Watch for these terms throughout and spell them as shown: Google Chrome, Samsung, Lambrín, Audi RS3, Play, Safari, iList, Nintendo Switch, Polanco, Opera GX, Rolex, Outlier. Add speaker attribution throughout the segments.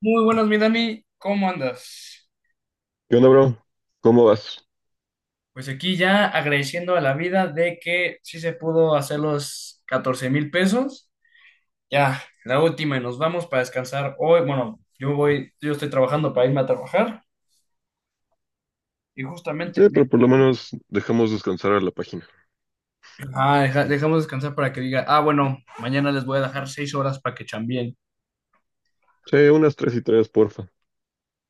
Speaker 1: Muy buenas, mi Dani, ¿cómo andas?
Speaker 2: ¿Qué onda, bro? ¿Cómo vas?
Speaker 1: Pues aquí ya agradeciendo a la vida de que sí se pudo hacer los 14,000 pesos. Ya, la última y nos vamos para descansar hoy. Bueno, yo estoy trabajando para irme a trabajar y justamente
Speaker 2: Sí, pero por lo menos dejamos descansar a la página.
Speaker 1: dejamos descansar para que diga, bueno, mañana les voy a dejar 6 horas para que chambien.
Speaker 2: Sí, unas tres y tres, porfa.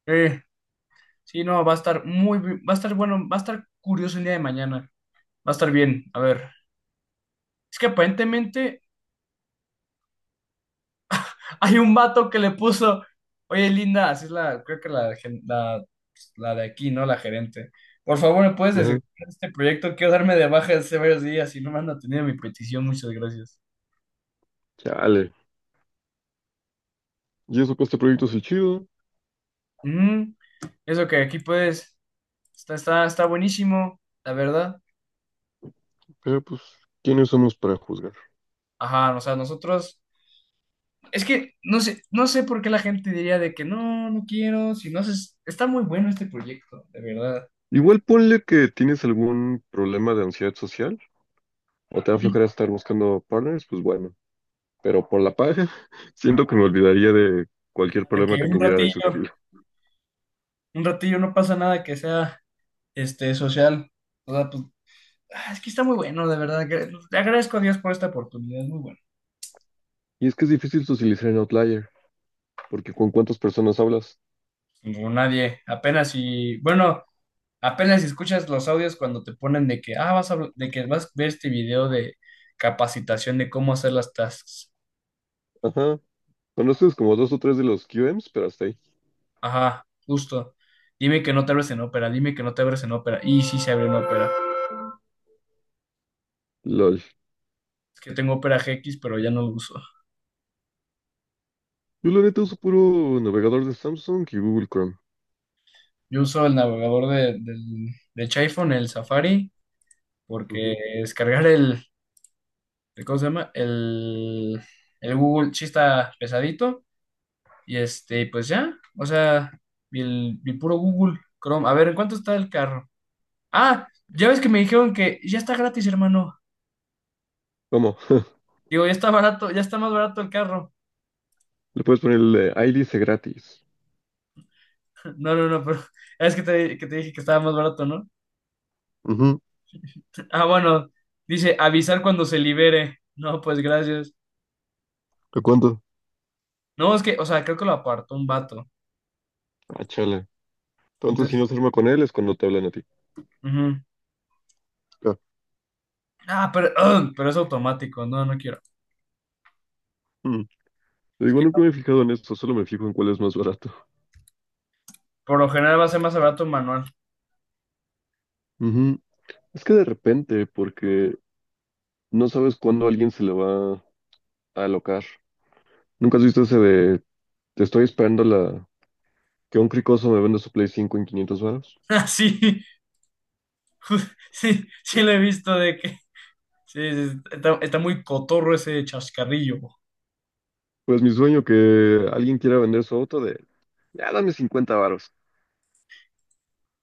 Speaker 1: Eh, sí, no, va a estar muy, va a estar bueno, va a estar curioso el día de mañana. Va a estar bien, a ver. Es que aparentemente hay un vato que le puso, oye Linda, así es la, creo que la, la de aquí, ¿no? La gerente. Por favor, ¿me puedes
Speaker 2: Ajá.
Speaker 1: desactivar este proyecto? Quiero darme de baja de hace varios días y no me han atendido mi petición, muchas gracias.
Speaker 2: Chale. Y eso que este proyecto es el chido,
Speaker 1: Ujú. Eso que aquí puedes, está buenísimo, la verdad.
Speaker 2: pero pues, ¿quiénes somos para juzgar?
Speaker 1: Ajá, o sea, nosotros, es que no sé, no sé por qué la gente diría de que no, no quiero, si no haces, está muy bueno este proyecto, de verdad.
Speaker 2: Igual ponle que tienes algún problema de ansiedad social o te va a aflojar estar buscando partners, pues bueno. Pero por la paja, siento que me olvidaría de cualquier
Speaker 1: De que
Speaker 2: problema que tuviera de ese estilo.
Speaker 1: un ratillo no pasa nada que sea este, social. O sea, pues, es que está muy bueno, de verdad. Le agradezco a Dios por esta oportunidad, es muy bueno.
Speaker 2: Y es que es difícil socializar en Outlier, porque ¿con cuántas personas hablas?
Speaker 1: Como nadie, apenas si, bueno, apenas si escuchas los audios cuando te ponen de que, de que vas a ver este video de capacitación de cómo hacer las tasks.
Speaker 2: Ajá. Conoces como dos o tres de los QMs, pero hasta ahí.
Speaker 1: Ajá, justo. Dime que no te abres en Opera, dime que no te abres en Opera. Y sí se abre en Opera.
Speaker 2: LOL.
Speaker 1: Es que tengo Opera GX, pero ya no lo uso.
Speaker 2: Yo la neta uso puro navegador de Samsung y Google Chrome.
Speaker 1: Yo uso el navegador de, de iPhone, el Safari, porque
Speaker 2: Ujú.
Speaker 1: descargar el, ¿cómo se llama? El Google sí está pesadito. Y este, pues ya, o sea, el puro Google Chrome. A ver, ¿en cuánto está el carro? Ah, ya ves que me dijeron que ya está gratis, hermano.
Speaker 2: ¿Cómo?
Speaker 1: Digo, ya está barato, ya está más barato el carro.
Speaker 2: Le puedes poner el iList gratis.
Speaker 1: No, no, no, pero es que que te dije que estaba más barato, ¿no?
Speaker 2: Ujú.
Speaker 1: Ah, bueno, dice avisar cuando se libere. No, pues gracias.
Speaker 2: ¿Te cuento?
Speaker 1: No, es que, o sea, creo que lo apartó un vato.
Speaker 2: Ah, chale. Entonces, si
Speaker 1: Entonces,
Speaker 2: no se arma con él, es cuando te hablan a ti.
Speaker 1: ujú.
Speaker 2: Ah,
Speaker 1: Pero, pero es automático. No, no quiero.
Speaker 2: mm. Te digo, nunca me he fijado en esto, solo me fijo en cuál es más barato.
Speaker 1: Por lo general va a ser más barato un manual.
Speaker 2: Ujú. Es que de repente, porque no sabes cuándo alguien se le va a alocar. ¿Nunca has visto ese de te estoy esperando la que un cricoso me venda su Play 5 en 500 varos?
Speaker 1: Ah, sí, sí, sí lo he visto de que... Sí, sí, está muy cotorro ese chascarrillo.
Speaker 2: Pues mi sueño que alguien quiera vender su auto de, ya dame 50 varos.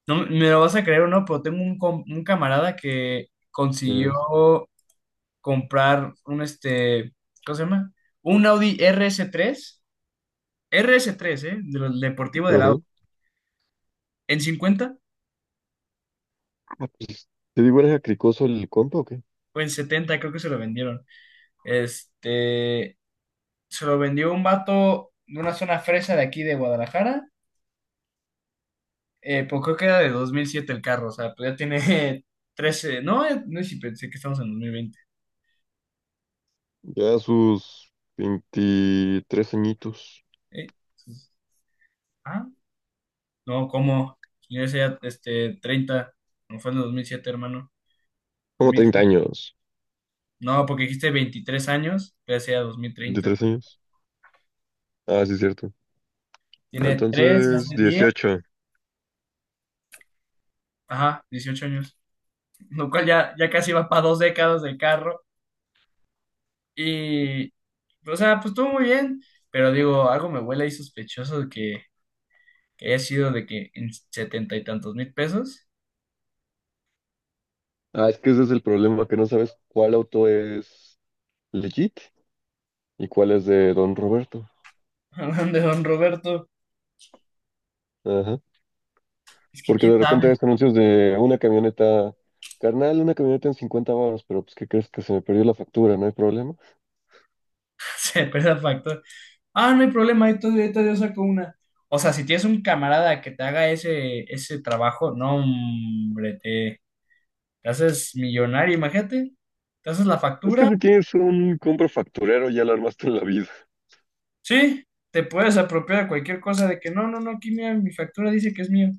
Speaker 1: No, me lo vas a creer o no, pero tengo un camarada que consiguió comprar un, este, ¿cómo se llama? Un Audi RS3, rs tres, R S tres, ¿eh? De los deportivo del
Speaker 2: Ajá.
Speaker 1: Audi. En 50
Speaker 2: Ah, pues, ¿te digo, eres cricoso el compa o qué?
Speaker 1: o en 70 creo que se lo vendieron. Este, Se lo vendió un vato de una zona fresa de aquí de Guadalajara. Pues creo que era de 2007 el carro, o sea, pues ya tiene 13 no, no sí, pensé que estamos en 2020.
Speaker 2: Ya sus 23 añitos.
Speaker 1: Eh, pues, ah, no, ¿cómo? Yo decía, este, 30 no fue en el 2007, hermano.
Speaker 2: Como treinta
Speaker 1: 2007.
Speaker 2: años.
Speaker 1: No, porque dijiste 23 años, pero decía 2030.
Speaker 2: ¿23 años? Ah, sí, es cierto.
Speaker 1: Tiene 3
Speaker 2: Entonces,
Speaker 1: hace 10,
Speaker 2: 18.
Speaker 1: ajá, 18 años, lo cual ya casi va para dos décadas del carro. Y, o sea, pues estuvo muy bien, pero digo, algo me huele ahí sospechoso de que, haya sido de que en setenta y tantos mil pesos.
Speaker 2: Ah, es que ese es el problema, que no sabes cuál auto es legit y cuál es de Don Roberto.
Speaker 1: Hablan de Don Roberto.
Speaker 2: Ajá.
Speaker 1: Es que
Speaker 2: Porque
Speaker 1: quién
Speaker 2: de repente
Speaker 1: sabe,
Speaker 2: ves anuncios de una camioneta, carnal, una camioneta en 50 baros, pero pues, ¿qué crees? Que se me perdió la factura. No hay problema.
Speaker 1: se pierde el factor. Ah, no hay problema, ahí todavía yo saco una. O sea, si tienes un camarada que te haga ese trabajo, no, hombre, te haces millonario, imagínate. Te haces la
Speaker 2: Es que
Speaker 1: factura.
Speaker 2: si tienes un compro facturero, ya lo armaste en la vida.
Speaker 1: Sí, te puedes apropiar cualquier cosa de que no, no, no, aquí mira, mi factura dice que es mío.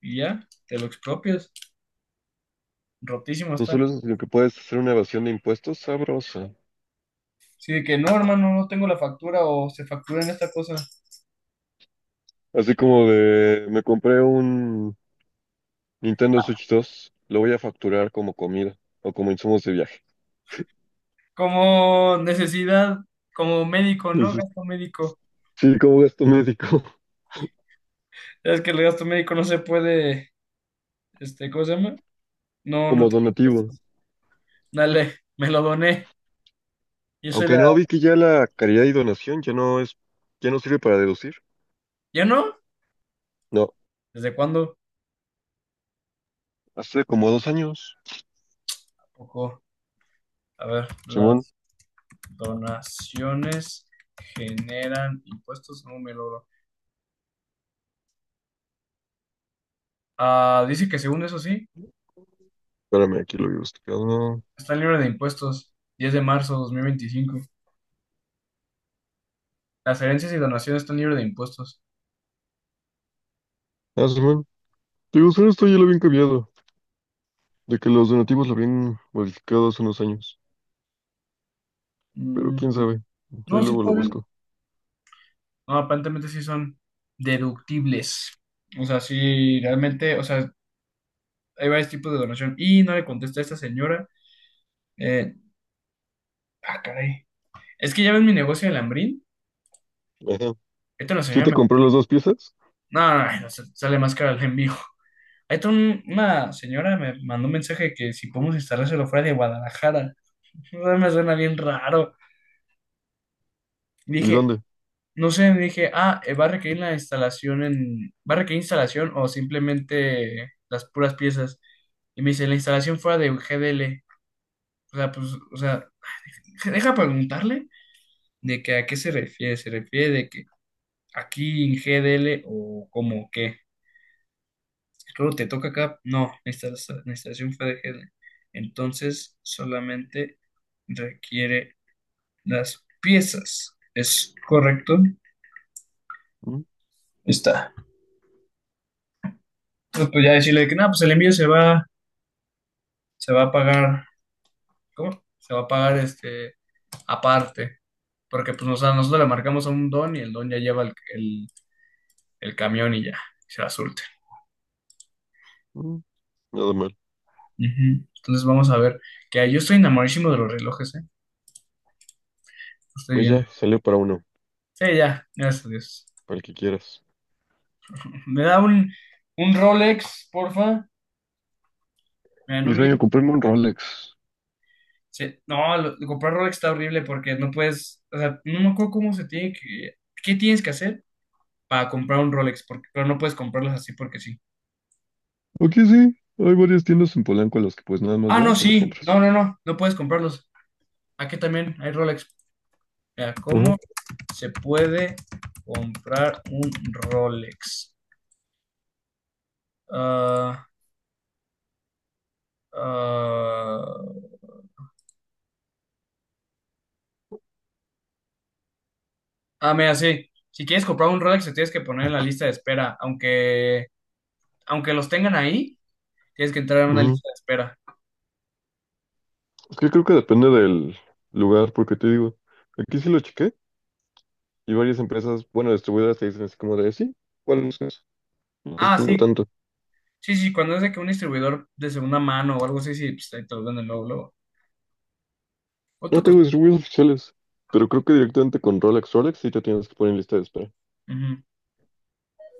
Speaker 1: Y ya, te lo expropias. Rotísimo
Speaker 2: No
Speaker 1: está.
Speaker 2: solo eso, sino que puedes hacer una evasión de impuestos sabrosa.
Speaker 1: Sí, de que no, hermano, no tengo la factura o se factura en esta cosa.
Speaker 2: Así como de, me compré un Nintendo Switch 2, lo voy a facturar como comida o como insumos de viaje.
Speaker 1: Como necesidad, como médico, ¿no?
Speaker 2: Eso
Speaker 1: Gasto médico.
Speaker 2: sí, como gasto médico,
Speaker 1: Es que el gasto médico no se puede, este, ¿cómo se llama? No, no
Speaker 2: como
Speaker 1: tiene.
Speaker 2: donativo.
Speaker 1: Dale, me lo doné. Yo soy
Speaker 2: Aunque
Speaker 1: la.
Speaker 2: no, vi que ya la caridad y donación ya no sirve para deducir.
Speaker 1: ¿Ya no?
Speaker 2: No,
Speaker 1: ¿Desde cuándo?
Speaker 2: hace como 2 años.
Speaker 1: Tampoco. A ver,
Speaker 2: Simón,
Speaker 1: las donaciones generan impuestos, no me logro. Ah, dice que según eso sí,
Speaker 2: espérame, aquí lo había buscado.
Speaker 1: está libre de impuestos. 10 de marzo de 2025. Las herencias y donaciones están libres de impuestos.
Speaker 2: Ah, Simón, digo, solo esto ya lo habían cambiado, de que los donativos lo habían modificado hace unos años. Pero
Speaker 1: Mm,
Speaker 2: quién sabe, ahí
Speaker 1: no, sí,
Speaker 2: luego
Speaker 1: está
Speaker 2: lo
Speaker 1: bien.
Speaker 2: busco.
Speaker 1: No, aparentemente sí son deductibles. O sea, sí, realmente, o sea, hay varios tipos de donación. Y no le contesté a esta señora. Eh, Caray. Es que ya ves mi negocio de Lambrín.
Speaker 2: Ajá.
Speaker 1: Esta la
Speaker 2: Sí
Speaker 1: señora
Speaker 2: te
Speaker 1: me...
Speaker 2: compré las dos piezas.
Speaker 1: No, no, no, sale más caro el envío. Ahí está una señora me mandó un mensaje que si podemos instalárselo fuera de Guadalajara. No me suena bien raro.
Speaker 2: ¿Y
Speaker 1: Dije,
Speaker 2: dónde?
Speaker 1: no sé, dije, ¿va a requerir la instalación va a requerir instalación o simplemente las puras piezas? Y me dice, la instalación fuera de GDL. O sea, pues, o sea, deja preguntarle de que a qué se refiere de que aquí en GDL o como que, claro, te toca acá, no, la instalación fue de GDL. Entonces, solamente requiere las piezas. ¿Es correcto?
Speaker 2: Mm,
Speaker 1: Está. Pues, ya decirle que, nada pues el envío se va a pagar, ¿cómo? Se va a pagar este aparte, porque pues a nosotros le marcamos a un don y el don ya lleva el, el camión y ya, se la surte.
Speaker 2: mm, nada mal.
Speaker 1: Ujú. Entonces vamos a ver, que yo estoy enamoradísimo de los relojes, ¿eh? Lo estoy
Speaker 2: Pues
Speaker 1: viendo.
Speaker 2: ya, salió para uno,
Speaker 1: Sí, ya, gracias a Dios.
Speaker 2: para el que quieras.
Speaker 1: ¿Me da un Rolex, porfa? ¿Me dan
Speaker 2: Mi
Speaker 1: un
Speaker 2: sueño,
Speaker 1: mil?
Speaker 2: comprarme un Rolex.
Speaker 1: Sí. No, comprar Rolex está horrible porque no puedes, o sea, no me acuerdo cómo se tiene que, ¿qué tienes que hacer para comprar un Rolex? Porque, pero no puedes comprarlos así porque sí.
Speaker 2: Aquí sí, hay varias tiendas en Polanco a las que pues nada más
Speaker 1: Ah, no,
Speaker 2: vas y lo
Speaker 1: sí. No,
Speaker 2: compras.
Speaker 1: no, no. No puedes comprarlos. Aquí también hay Rolex. Mira,
Speaker 2: Ajá,
Speaker 1: ¿cómo se puede comprar un Rolex? Ah, ah, mira, sí. Si quieres comprar un Rolex, te tienes que poner en la lista de espera. Aunque los tengan ahí, tienes que entrar en una
Speaker 2: ajá.
Speaker 1: lista de espera.
Speaker 2: Es que creo que depende del lugar, porque te digo, aquí sí lo chequé y varias empresas, bueno, distribuidoras te dicen así como de, sí, ¿cuál es eso? No
Speaker 1: Ah,
Speaker 2: pues, no
Speaker 1: sí.
Speaker 2: tanto.
Speaker 1: Sí, sí. Cuando es de que un distribuidor de segunda mano o algo así, sí, pues ahí te lo venden luego, luego. ¿Cuánto
Speaker 2: No tengo
Speaker 1: costó?
Speaker 2: distribuidores oficiales, pero creo que directamente con Rolex, Rolex sí te tienes que poner en lista de espera.
Speaker 1: Ujú.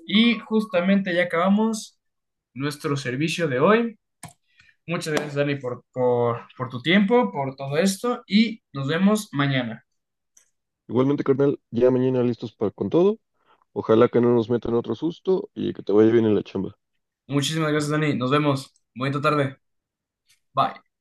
Speaker 1: Y justamente ya acabamos nuestro servicio de hoy. Muchas gracias, Dani, por tu tiempo, por todo esto y nos vemos mañana.
Speaker 2: Igualmente, carnal, ya mañana listos para con todo. Ojalá que no nos metan otro susto y que te vaya bien en la chamba.
Speaker 1: Muchísimas gracias, Dani. Nos vemos. Bonita tarde. Bye.